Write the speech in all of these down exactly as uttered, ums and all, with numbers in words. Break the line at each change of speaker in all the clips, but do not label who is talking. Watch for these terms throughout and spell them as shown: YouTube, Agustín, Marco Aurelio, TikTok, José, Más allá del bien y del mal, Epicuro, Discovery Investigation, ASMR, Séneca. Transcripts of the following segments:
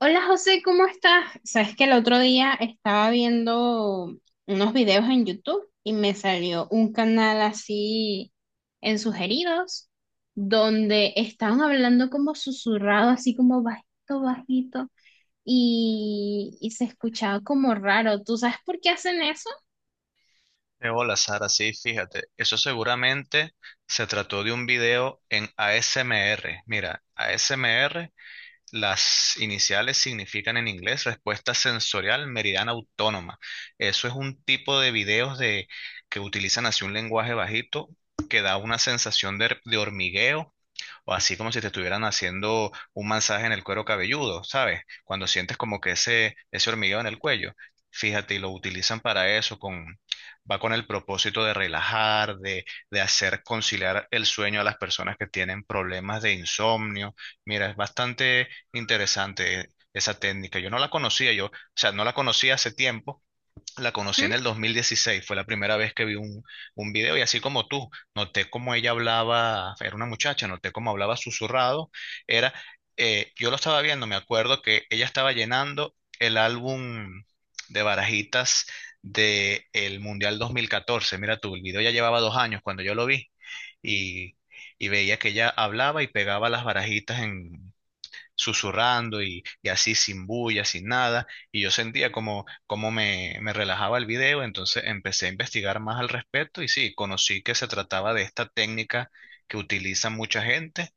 Hola José, ¿cómo estás? Sabes que el otro día estaba viendo unos videos en YouTube y me salió un canal así en sugeridos donde estaban hablando como susurrado, así como bajito, bajito y, y se escuchaba como raro. ¿Tú sabes por qué hacen eso?
De bola, Sara, sí, fíjate, eso seguramente se trató de un video en A S M R. Mira, A S M R, las iniciales significan en inglés respuesta sensorial meridiana autónoma. Eso es un tipo de videos de, que utilizan así un lenguaje bajito que da una sensación de, de hormigueo, o así como si te estuvieran haciendo un masaje en el cuero cabelludo, ¿sabes? Cuando sientes como que ese, ese hormigueo en el cuello. Fíjate, y lo utilizan para eso, con, va con el propósito de relajar, de, de hacer conciliar el sueño a las personas que tienen problemas de insomnio. Mira, es bastante interesante esa técnica. Yo no la conocía, yo, o sea, no la conocía hace tiempo, la conocí en
¿Mm?
el dos mil dieciséis, fue la primera vez que vi un, un video, y así como tú, noté cómo ella hablaba, era una muchacha, noté cómo hablaba susurrado, era, eh, yo lo estaba viendo, me acuerdo que ella estaba llenando el álbum de barajitas del Mundial dos mil catorce, mira tú, el video ya llevaba dos años cuando yo lo vi, y, y veía que ella hablaba y pegaba las barajitas en, susurrando, y, y así sin bulla, sin nada, y yo sentía como, como me, me relajaba el video. Entonces empecé a investigar más al respecto y sí, conocí que se trataba de esta técnica que utiliza mucha gente.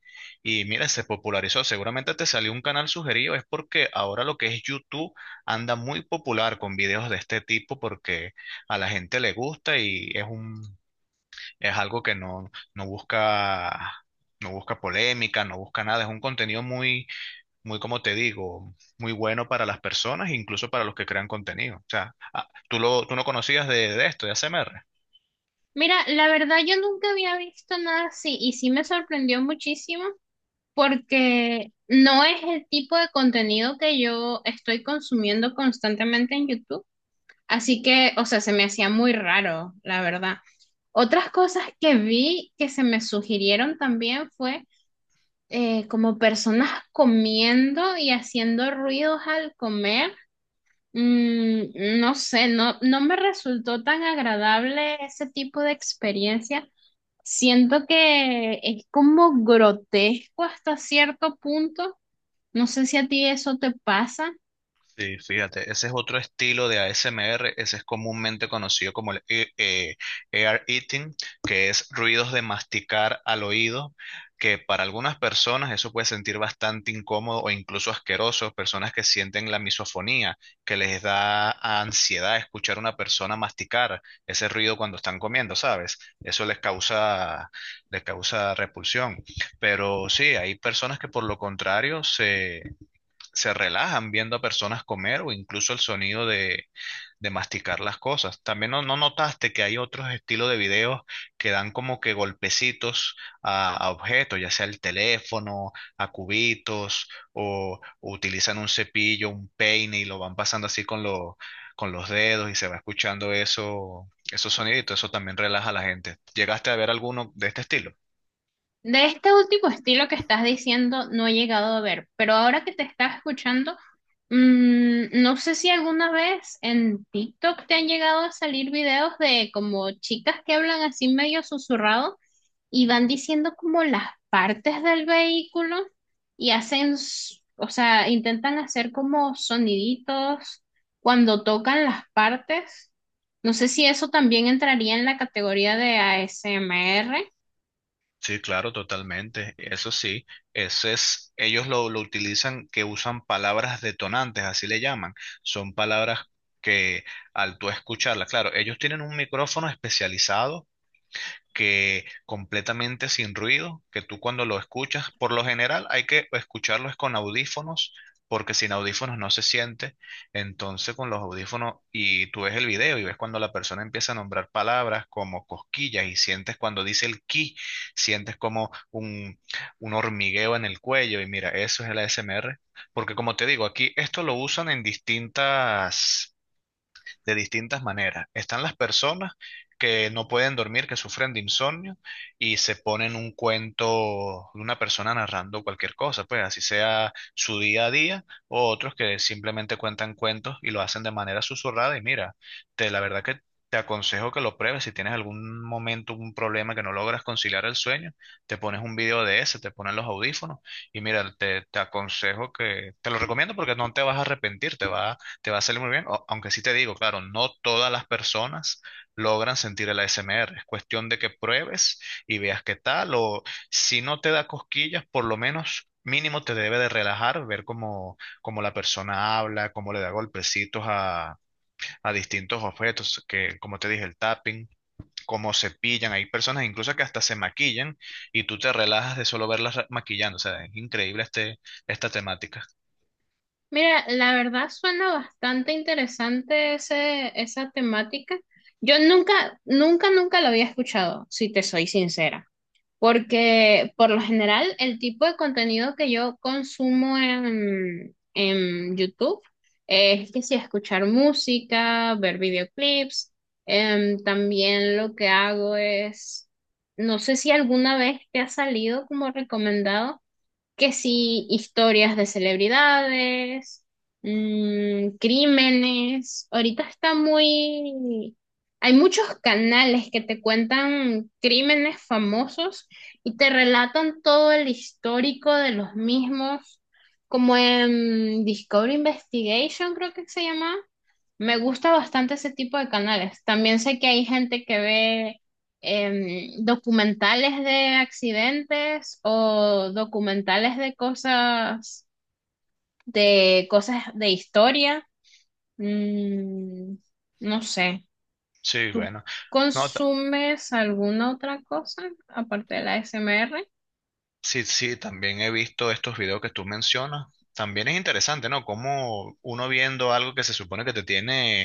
Y mira, se popularizó, seguramente te salió un canal sugerido, es porque ahora lo que es YouTube anda muy popular con videos de este tipo, porque a la gente le gusta y es un, es algo que no, no busca. No busca polémica, no busca nada, es un contenido muy, muy, como te digo, muy bueno para las personas, incluso para los que crean contenido. O sea, ah, tú, lo, tú no conocías de, de esto, de A S M R.
Mira, la verdad yo nunca había visto nada así y sí me sorprendió muchísimo porque no es el tipo de contenido que yo estoy consumiendo constantemente en YouTube. Así que, o sea, se me hacía muy raro, la verdad. Otras cosas que vi que se me sugirieron también fue eh, como personas comiendo y haciendo ruidos al comer. Mm, no sé, no, no me resultó tan agradable ese tipo de experiencia. Siento que es como grotesco hasta cierto punto. No sé si a ti eso te pasa.
Sí, fíjate, ese es otro estilo de A S M R, ese es comúnmente conocido como el e- eh, ear eating, que es ruidos de masticar al oído, que para algunas personas eso puede sentir bastante incómodo o incluso asqueroso, personas que sienten la misofonía, que les da ansiedad escuchar a una persona masticar ese ruido cuando están comiendo, ¿sabes? Eso les causa, les causa repulsión. Pero sí, hay personas que por lo contrario se relajan viendo a personas comer o incluso el sonido de, de masticar las cosas. También no, no notaste que hay otros estilos de videos que dan como que golpecitos a, a objetos, ya sea el teléfono, a cubitos, o, o utilizan un cepillo, un peine y lo van pasando así con, lo- con los dedos, y se va escuchando eso, esos soniditos. Eso también relaja a la gente. ¿Llegaste a ver alguno de este estilo?
De este último estilo que estás diciendo no he llegado a ver, pero ahora que te estás escuchando, mm, no sé si alguna vez en TikTok te han llegado a salir videos de como chicas que hablan así medio susurrado y van diciendo como las partes del vehículo y hacen, s- o sea, intentan hacer como soniditos cuando tocan las partes. No sé si eso también entraría en la categoría de A S M R.
Sí, claro, totalmente. Eso sí, ese es, ellos lo, lo utilizan, que usan palabras detonantes, así le llaman. Son palabras que al tú escucharlas, claro, ellos tienen un micrófono especializado que completamente sin ruido, que tú cuando lo escuchas, por lo general hay que escucharlos con audífonos, porque sin audífonos no se siente. Entonces con los audífonos y tú ves el video y ves cuando la persona empieza a nombrar palabras como cosquillas y sientes cuando dice el ki, sientes como un, un hormigueo en el cuello, y mira, eso es el A S M R, porque como te digo, aquí esto lo usan en distintas de distintas maneras. Están las personas que no pueden dormir, que sufren de insomnio y se ponen un cuento de una persona narrando cualquier cosa, pues así sea su día a día, o otros que simplemente cuentan cuentos y lo hacen de manera susurrada. Y mira, te, la verdad que. Te aconsejo que lo pruebes si tienes algún momento, un problema que no logras conciliar el sueño, te pones un video de ese, te pones los audífonos, y mira, te, te aconsejo que, te lo recomiendo, porque no te vas a arrepentir, te va te va a salir muy bien, o- aunque sí te digo, claro, no todas las personas logran sentir el A S M R. Es cuestión de que pruebes y veas qué tal, o si no te da cosquillas, por lo menos mínimo te debe de relajar, ver cómo, cómo la persona habla, cómo le da golpecitos a, a distintos objetos, que como te dije, el tapping. Cómo se pillan, hay personas incluso que hasta se maquillan y tú te relajas de solo verlas ra- maquillando, o sea, es increíble este, esta temática.
Mira, la verdad suena bastante interesante ese, esa temática. Yo nunca, nunca, nunca lo había escuchado, si te soy sincera, porque por lo general el tipo de contenido que yo consumo en, en YouTube es que si escuchar música, ver videoclips, em, también lo que hago es, no sé si alguna vez te ha salido como recomendado que sí, historias de celebridades, mm, crímenes. Ahorita está muy... Hay muchos canales que te cuentan crímenes famosos y te relatan todo el histórico de los mismos, como en Discovery Investigation, creo que se llama. Me gusta bastante ese tipo de canales. También sé que hay gente que ve em, documentales de accidentes o documentales de cosas, de cosas de historia. Mm, no sé.
Sí,
¿Tú
bueno. No,
consumes alguna otra cosa aparte de la A S M R?
sí, sí, también he visto estos videos que tú mencionas. También es interesante, ¿no? Como uno viendo algo que se supone que te tiene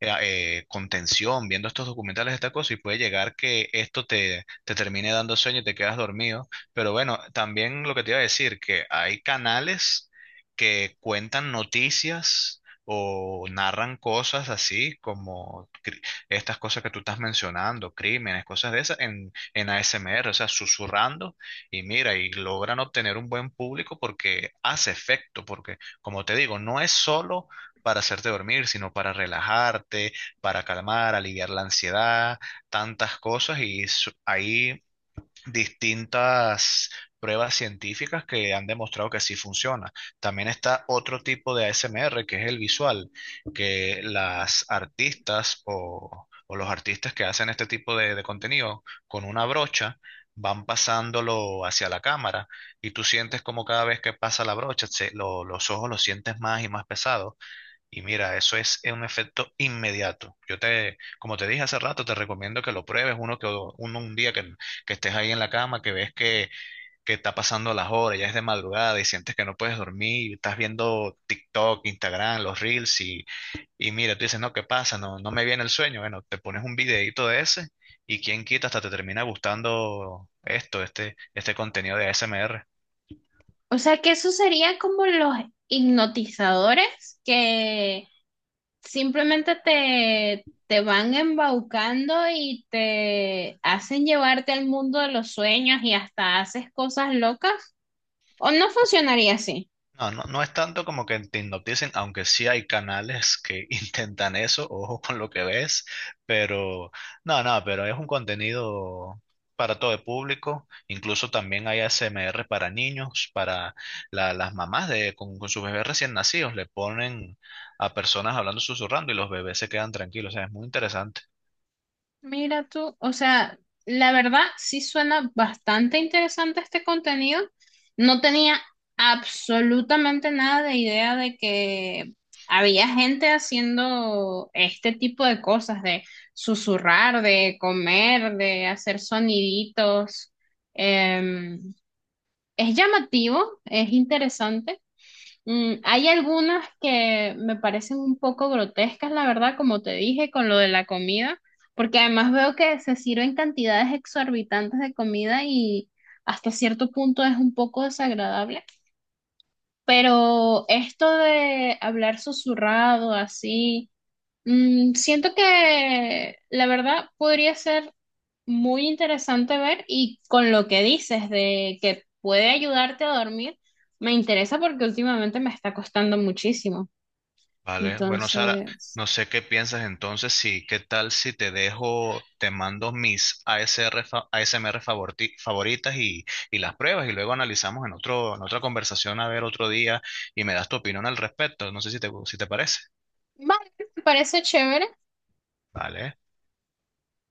eh, eh, contención viendo estos documentales, esta cosa, y puede llegar que esto te, te termine dando sueño y te quedas dormido. Pero bueno, también lo que te iba a decir, que hay canales que cuentan noticias o narran cosas así como cri- estas cosas que tú estás mencionando, crímenes, cosas de esas, en, en A S M R, o sea, susurrando, y mira, y logran obtener un buen público porque hace efecto, porque como te digo, no es solo para hacerte dormir, sino para relajarte, para calmar, aliviar la ansiedad, tantas cosas. Y su- hay distintas pruebas científicas que han demostrado que sí funciona. También está otro tipo de A S M R que es el visual, que las artistas o, o los artistas que hacen este tipo de, de contenido con una brocha van pasándolo hacia la cámara, y tú sientes como cada vez que pasa la brocha, se- lo- los ojos los sientes más y más pesados, y mira, eso es un efecto inmediato. Yo te, como te dije hace rato, te recomiendo que lo pruebes uno que do- uno un día que, que estés ahí en la cama, que ves que, que está pasando las horas, ya es de madrugada y sientes que no puedes dormir, y estás viendo TikTok, Instagram, los Reels, y, y mira, tú dices, no, ¿qué pasa? No, no me viene el sueño. Bueno, te pones un videíto de ese y quién quita hasta te termina gustando esto, este, este contenido de A S M R.
O sea que eso sería como los hipnotizadores que simplemente te, te van embaucando y te hacen llevarte al mundo de los sueños y hasta haces cosas locas. O no funcionaría así.
No, no, no es tanto como que te hipnoticen, aunque sí hay canales que intentan eso, ojo con lo que ves, pero no, no, pero es un contenido para todo el público, incluso también hay A S M R para niños, para la- las mamás de, con, con sus bebés recién nacidos, le ponen a personas hablando susurrando y los bebés se quedan tranquilos, o sea, es muy interesante.
Mira tú, o sea, la verdad sí suena bastante interesante este contenido. No tenía absolutamente nada de idea de que había gente haciendo este tipo de cosas, de susurrar, de comer, de hacer soniditos. Em, es llamativo, es interesante. Mm, hay algunas que me parecen un poco grotescas, la verdad, como te dije, con lo de la comida, porque además veo que se sirven cantidades exorbitantes de comida y hasta cierto punto es un poco desagradable. Pero esto de hablar susurrado así, mm, siento que la verdad podría ser muy interesante ver y con lo que dices de que puede ayudarte a dormir, me interesa porque últimamente me está costando muchísimo.
Vale, bueno, Sara,
Entonces,
no sé qué piensas entonces, sí, ¿qué tal si te dejo, te mando mis A S R, fa- A S M R favorti- favoritas y, y las pruebas y luego analizamos en otro, en otra conversación a ver otro día, y me das tu opinión al respecto? No sé si te, si te parece.
vale, me parece chévere.
Vale.